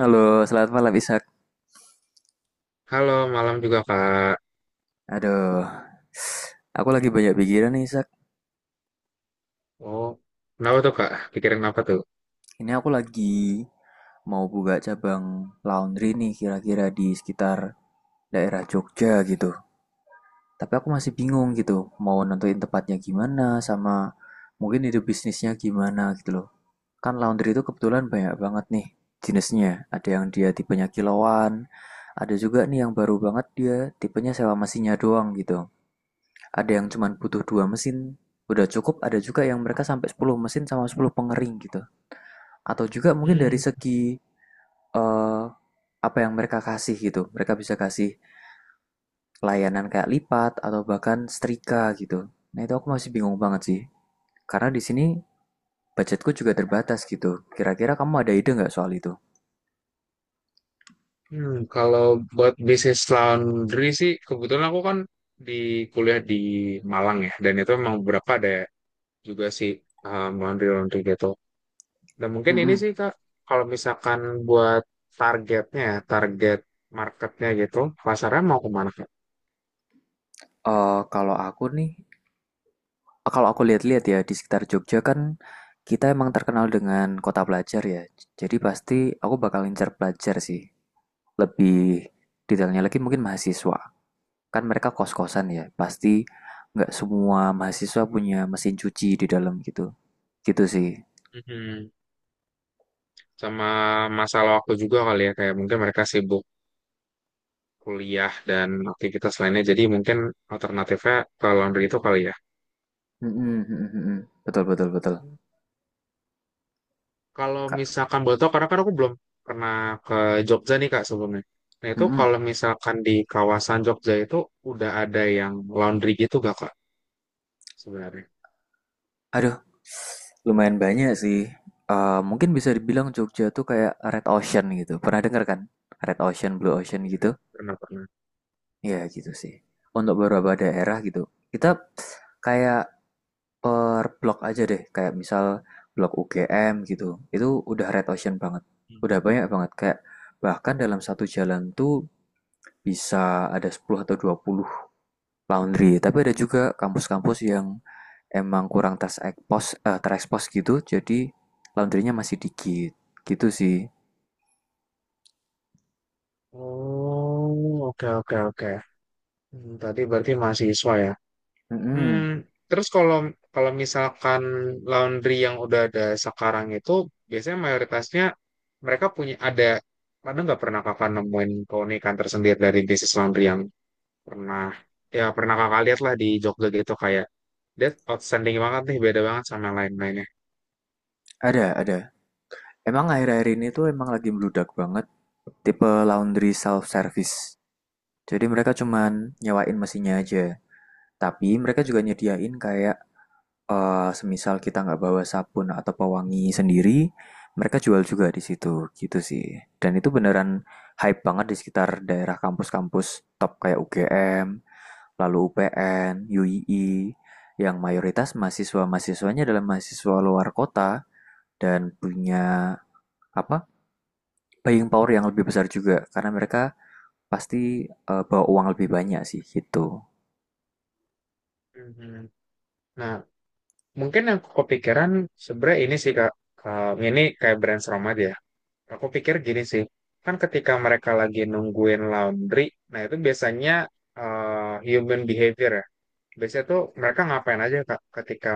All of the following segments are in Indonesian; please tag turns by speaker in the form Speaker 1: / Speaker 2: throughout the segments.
Speaker 1: Halo, selamat malam Ishak.
Speaker 2: Halo, malam juga Kak.
Speaker 1: Aduh, aku lagi banyak pikiran nih Ishak.
Speaker 2: Oh, kenapa tuh Kak? Pikirin apa tuh?
Speaker 1: Ini aku lagi mau buka cabang laundry nih kira-kira di sekitar daerah Jogja gitu. Tapi aku masih bingung gitu, mau nentuin tempatnya gimana sama mungkin ide bisnisnya gimana gitu loh. Kan laundry itu kebetulan banyak banget nih jenisnya. Ada yang dia tipenya kiloan, ada juga nih yang baru banget dia tipenya sewa mesinnya doang gitu. Ada yang cuma butuh 2 mesin, udah cukup, ada juga yang mereka sampai 10 mesin sama 10 pengering gitu. Atau juga mungkin dari
Speaker 2: Hmm,
Speaker 1: segi eh, apa yang mereka kasih gitu. Mereka bisa kasih layanan kayak lipat atau bahkan setrika gitu. Nah, itu aku masih bingung banget sih. Karena di sini budgetku juga terbatas gitu. Kira-kira kamu ada ide nggak soal itu?
Speaker 2: kalau buat bisnis laundry sih, kebetulan aku kan di kuliah di Malang ya, dan itu memang beberapa ada juga sih laundry-laundry gitu. Dan mungkin ini
Speaker 1: Mm-mm.
Speaker 2: sih Kak, kalau misalkan buat targetnya, ya, target marketnya gitu, pasarnya mau kemana Kak?
Speaker 1: Kalau aku nih, kalau aku lihat-lihat ya di sekitar Jogja kan kita emang terkenal dengan kota pelajar ya. Jadi pasti aku bakal incer pelajar sih. Lebih detailnya lagi mungkin mahasiswa, kan mereka kos-kosan ya, pasti nggak semua mahasiswa punya mesin cuci di dalam gitu, gitu sih.
Speaker 2: Mhm. Sama masalah waktu juga kali ya, kayak mungkin mereka sibuk kuliah dan aktivitas lainnya. Jadi mungkin alternatifnya ke laundry itu kali ya.
Speaker 1: Mhm mhm mhm, betul betul betul,
Speaker 2: Kalau
Speaker 1: Kak.
Speaker 2: misalkan boleh tahu, karena kan aku belum pernah ke Jogja nih Kak sebelumnya. Nah itu
Speaker 1: mhm,
Speaker 2: kalau misalkan di kawasan Jogja itu udah ada yang laundry gitu gak Kak sebenarnya?
Speaker 1: Aduh, lumayan banyak sih, mungkin bisa dibilang Jogja tuh kayak red ocean gitu, pernah dengar kan? Red ocean, blue
Speaker 2: Oh
Speaker 1: ocean
Speaker 2: iya,
Speaker 1: gitu?
Speaker 2: pernah pernah.
Speaker 1: Ya gitu sih, untuk beberapa daerah gitu, kita kayak per blok aja deh, kayak misal blok UGM gitu. Itu udah red ocean banget.
Speaker 2: Hmm.
Speaker 1: Udah banyak banget kayak bahkan dalam satu jalan tuh bisa ada 10 atau 20 laundry. Tapi ada juga kampus-kampus yang emang kurang terekspos gitu, jadi laundrynya masih dikit. Gitu sih.
Speaker 2: Oh, oke oke oke. Hmm, tadi berarti mahasiswa ya. Hmm,
Speaker 1: Mm-mm.
Speaker 2: terus kalau kalau misalkan laundry yang udah ada sekarang itu biasanya mayoritasnya mereka punya ada nggak pernah kakak nemuin keunikan tersendiri dari bisnis laundry yang pernah, ya pernah kakak lihat lah di Jogja gitu, kayak that outstanding banget nih, beda banget sama yang lain-lainnya.
Speaker 1: Ada, ada. Emang akhir-akhir ini tuh emang lagi meludak banget tipe laundry self service. Jadi mereka cuman nyewain mesinnya aja. Tapi mereka juga nyediain kayak semisal kita nggak bawa sabun atau pewangi sendiri, mereka jual juga di situ gitu sih. Dan itu beneran hype banget di sekitar daerah kampus-kampus top kayak UGM, lalu UPN, UII, yang mayoritas mahasiswa-mahasiswanya adalah mahasiswa luar kota dan punya apa buying power yang lebih besar juga karena mereka pasti bawa uang lebih banyak sih gitu.
Speaker 2: Mhm. Nah mungkin yang kepikiran sebenarnya ini sih kak. Ini kayak brainstorm aja. Aku pikir gini sih, kan ketika mereka lagi nungguin laundry, nah itu biasanya human behavior ya. Biasanya tuh mereka ngapain aja Kak, ketika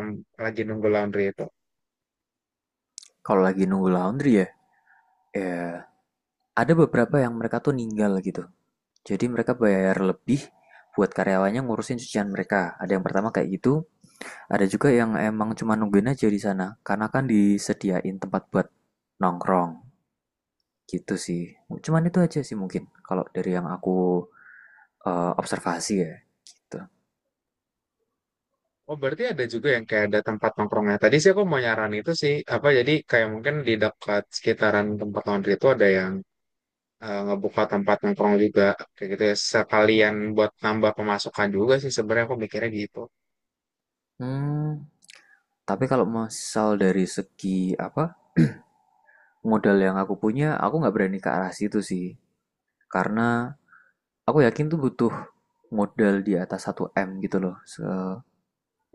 Speaker 2: lagi nunggu laundry itu.
Speaker 1: Kalau lagi nunggu laundry ya, ya ada beberapa yang mereka tuh ninggal gitu. Jadi mereka bayar lebih buat karyawannya ngurusin cucian mereka. Ada yang pertama kayak gitu, ada juga yang emang cuma nungguin aja di sana karena kan disediain tempat buat nongkrong gitu sih. Cuman itu aja sih mungkin kalau dari yang aku observasi ya gitu.
Speaker 2: Oh berarti ada juga yang kayak ada tempat nongkrongnya. Tadi sih aku mau nyaran itu sih, apa jadi kayak mungkin di dekat sekitaran tempat laundry itu ada yang ngebuka tempat nongkrong juga. Kayak gitu ya, sekalian buat nambah pemasukan juga sih sebenarnya aku mikirnya gitu.
Speaker 1: Hmm, tapi kalau misal dari segi apa modal yang aku punya, aku nggak berani ke arah situ sih. Karena aku yakin tuh butuh modal di atas satu m gitu loh.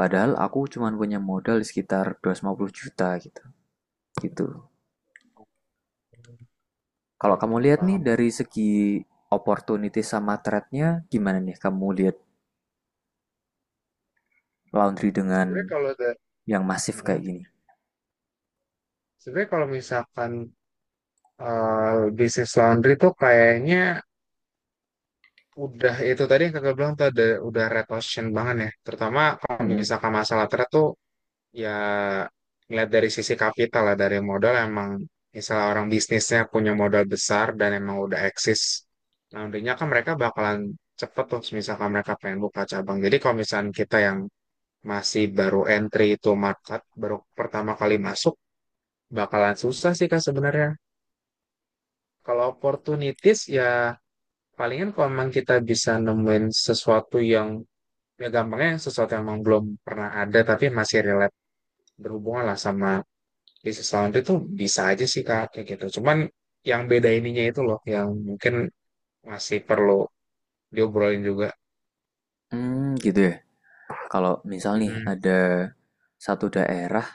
Speaker 1: Padahal aku cuman punya modal sekitar 250 juta gitu. Gitu.
Speaker 2: Oke,
Speaker 1: Kalau kamu
Speaker 2: oke,
Speaker 1: lihat nih
Speaker 2: paham.
Speaker 1: dari segi opportunity sama threat-nya gimana nih kamu lihat laundry
Speaker 2: Sebenarnya
Speaker 1: dengan
Speaker 2: kalau ada,
Speaker 1: yang masif
Speaker 2: nah,
Speaker 1: kayak gini?
Speaker 2: sebenarnya kalau misalkan bisnis laundry tuh kayaknya udah itu tadi yang kakak bilang tuh ada udah red ocean banget ya. Terutama kalau
Speaker 1: mm
Speaker 2: misalkan masalah thread tuh ya ngeliat dari sisi kapital lah dari modal, emang misalnya orang bisnisnya punya modal besar dan emang udah eksis. Laundrynya kan mereka bakalan cepet tuh misalkan mereka pengen buka cabang. Jadi kalau misalkan kita yang masih baru entry itu market baru pertama kali masuk bakalan susah sih kak sebenarnya. Kalau opportunities ya palingan kalau memang kita bisa nemuin sesuatu yang, ya gampangnya sesuatu yang memang belum pernah ada tapi masih relate, berhubungan lah sama bisnis laundry itu, bisa aja sih kak kayak gitu, cuman yang beda ininya itu loh yang mungkin masih perlu diobrolin juga.
Speaker 1: Hmm, gitu ya. Kalau misal nih
Speaker 2: mm
Speaker 1: ada satu daerah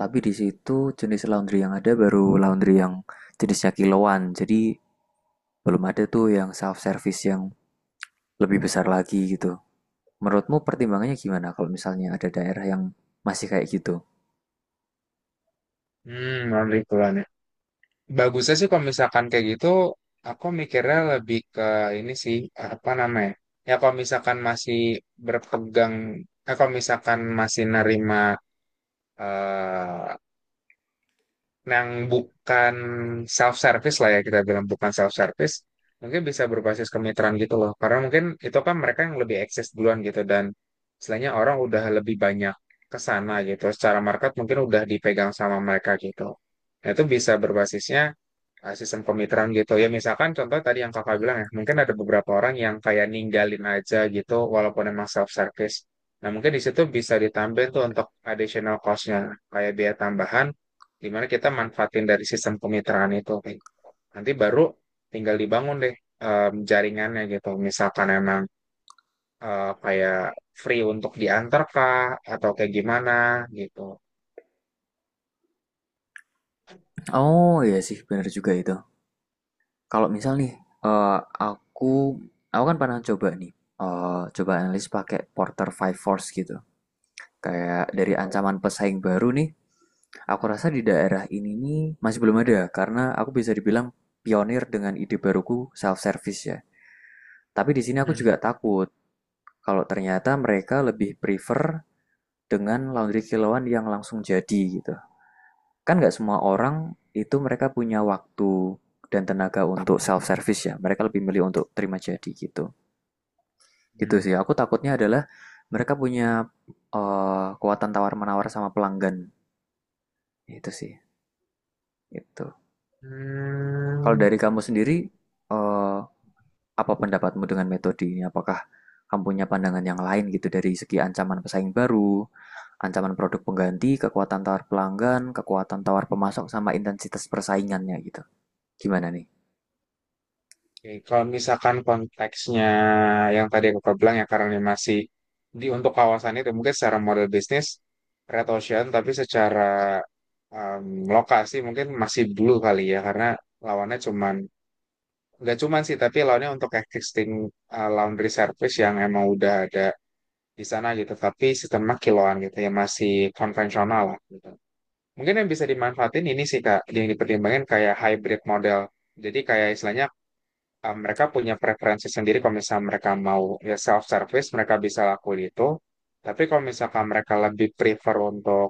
Speaker 1: tapi di situ jenis laundry yang ada baru laundry yang jenisnya kiloan. Jadi belum ada tuh yang self service yang lebih besar lagi gitu. Menurutmu pertimbangannya gimana kalau misalnya ada daerah yang masih kayak gitu?
Speaker 2: Hmm, laundry puluhan ya. Bagusnya sih kalau misalkan kayak gitu, aku mikirnya lebih ke ini sih, apa namanya? Ya kalau misalkan masih berpegang, kalau misalkan masih nerima eh, yang bukan self service lah ya kita bilang bukan self service, mungkin bisa berbasis kemitraan gitu loh, karena mungkin itu kan mereka yang lebih eksis duluan gitu dan istilahnya orang udah lebih banyak ke sana gitu, secara market mungkin udah dipegang sama mereka gitu. Nah, itu bisa berbasisnya sistem kemitraan gitu ya. Misalkan contoh tadi yang kakak bilang ya, mungkin ada beberapa orang yang kayak ninggalin aja gitu walaupun emang self service, nah mungkin di situ bisa ditambahin tuh untuk additional cost-nya kayak biaya tambahan dimana kita manfaatin dari sistem kemitraan itu. Kayak nanti baru tinggal dibangun deh jaringannya gitu, misalkan emang kayak free untuk diantar kah atau kayak gimana gitu.
Speaker 1: Oh iya sih, benar juga itu. Kalau misal nih, eh, aku aku kan pernah coba nih, coba analisis pakai Porter Five Force gitu. Kayak
Speaker 2: Oke
Speaker 1: dari
Speaker 2: tahu.
Speaker 1: ancaman pesaing baru nih, aku rasa di
Speaker 2: Mhm.
Speaker 1: daerah ini nih masih belum ada karena aku bisa dibilang pionir dengan ide baruku self service ya. Tapi di sini aku juga
Speaker 2: Mhm.
Speaker 1: takut kalau ternyata mereka lebih prefer dengan laundry kilauan yang langsung jadi gitu. Kan nggak semua orang itu mereka punya waktu dan tenaga untuk self service ya. Mereka lebih milih untuk terima jadi gitu. Gitu sih. Aku takutnya adalah mereka punya kekuatan tawar menawar sama pelanggan. Itu sih. Itu.
Speaker 2: Hmm,
Speaker 1: Kalau
Speaker 2: hmm,
Speaker 1: dari kamu sendiri
Speaker 2: oke.
Speaker 1: eh, apa pendapatmu dengan metode ini? Apakah kamu punya pandangan yang lain gitu dari segi ancaman pesaing baru, ancaman produk pengganti, kekuatan tawar pelanggan, kekuatan tawar pemasok sama intensitas persaingannya gitu. Gimana nih?
Speaker 2: Oke, kalau misalkan konteksnya yang tadi aku bilang ya, karena ini masih di untuk kawasan itu, mungkin secara model bisnis Red Ocean tapi secara lokasi mungkin masih blue kali ya, karena lawannya cuman, nggak cuman sih, tapi lawannya untuk existing laundry service yang emang udah ada di sana gitu, tapi sistemnya kiloan gitu ya, masih konvensional lah gitu. Mungkin yang bisa dimanfaatin ini sih Kak, yang dipertimbangkan kayak hybrid model. Jadi kayak istilahnya mereka punya preferensi sendiri. Kalau misalnya mereka mau ya self service, mereka bisa lakuin itu, tapi kalau misalkan mereka lebih prefer untuk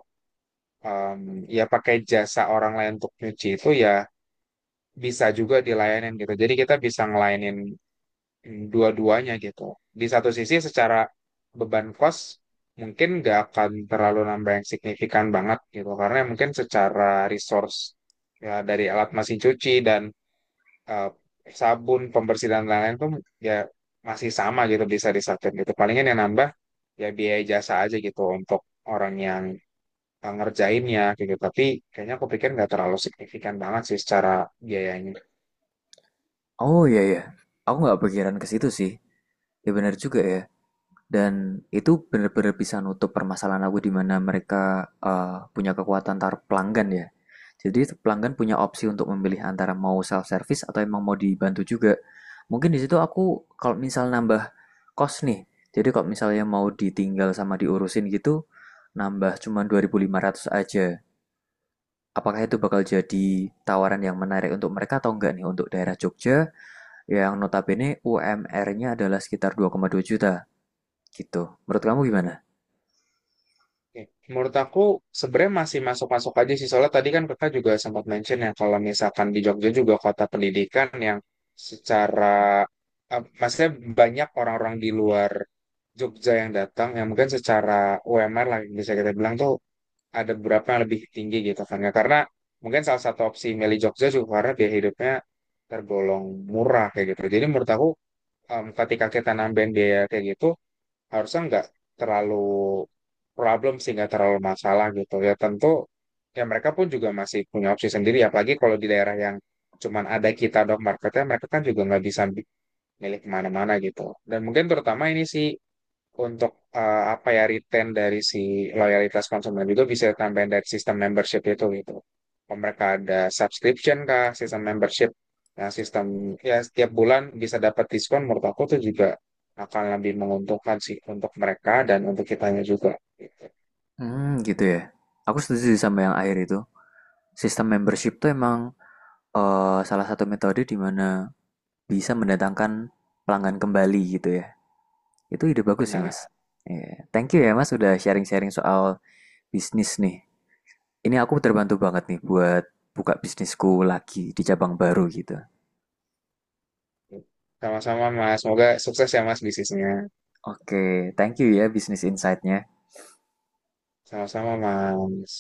Speaker 2: um, ya pakai jasa orang lain untuk nyuci itu, ya bisa juga dilayanin gitu. Jadi kita bisa ngelayanin dua-duanya gitu. Di satu sisi secara beban cost mungkin nggak akan terlalu nambah yang signifikan banget gitu, karena mungkin secara resource ya, dari alat mesin cuci dan eh, sabun pembersih dan lain-lain tuh ya masih sama gitu, bisa disatuin gitu. Palingan yang nambah ya biaya jasa aja gitu untuk orang yang ngerjainnya kayak gitu, tapi kayaknya aku pikir nggak terlalu signifikan banget sih secara biayanya.
Speaker 1: Oh iya ya, aku nggak pikiran ke situ sih. Ya benar juga ya. Dan itu benar-benar bisa nutup permasalahan aku di mana mereka punya kekuatan taruh pelanggan ya. Jadi pelanggan punya opsi untuk memilih antara mau self service atau emang mau dibantu juga. Mungkin di situ aku kalau misal nambah kos nih. Jadi kalau misalnya mau ditinggal sama diurusin gitu, nambah cuma 2.500 aja. Apakah itu bakal jadi tawaran yang menarik untuk mereka atau enggak nih untuk daerah Jogja yang notabene UMR-nya adalah sekitar 2,2 juta gitu. Menurut kamu gimana?
Speaker 2: Oke. Menurut aku sebenarnya masih masuk-masuk aja sih, soalnya tadi kan kakak juga sempat mention ya, kalau misalkan di Jogja juga kota pendidikan yang secara maksudnya banyak orang-orang di luar Jogja yang datang, yang mungkin secara UMR lah bisa kita bilang tuh ada beberapa yang lebih tinggi gitu kan ya. Karena mungkin salah satu opsi milih Jogja juga karena biaya hidupnya tergolong murah kayak gitu. Jadi menurut aku ketika kita nambahin biaya kayak gitu harusnya nggak terlalu problem sih, nggak terlalu masalah gitu ya. Tentu ya mereka pun juga masih punya opsi sendiri, apalagi kalau di daerah yang cuman ada kita dok marketnya, mereka kan juga nggak bisa milih kemana-mana gitu. Dan mungkin terutama ini sih untuk apa ya return dari si loyalitas konsumen, juga bisa tambahin dari sistem membership itu gitu. Oh, mereka ada subscription kah, sistem membership, nah sistem ya setiap bulan bisa dapat diskon. Menurut aku tuh juga akan lebih menguntungkan sih untuk mereka dan untuk kitanya juga. Gitu.
Speaker 1: Hmm, gitu ya. Aku setuju sama yang akhir itu. Sistem membership tuh emang salah satu metode di mana bisa mendatangkan pelanggan kembali gitu ya. Itu ide bagus sih,
Speaker 2: Benar.
Speaker 1: Mas. Iya. Thank you ya, Mas, udah sharing-sharing soal bisnis nih. Ini aku terbantu banget nih buat buka bisnisku lagi di cabang baru gitu.
Speaker 2: Sama-sama Mas, semoga sukses ya Mas bisnisnya.
Speaker 1: Oke, okay, thank you ya bisnis insight-nya.
Speaker 2: Sama-sama Mas.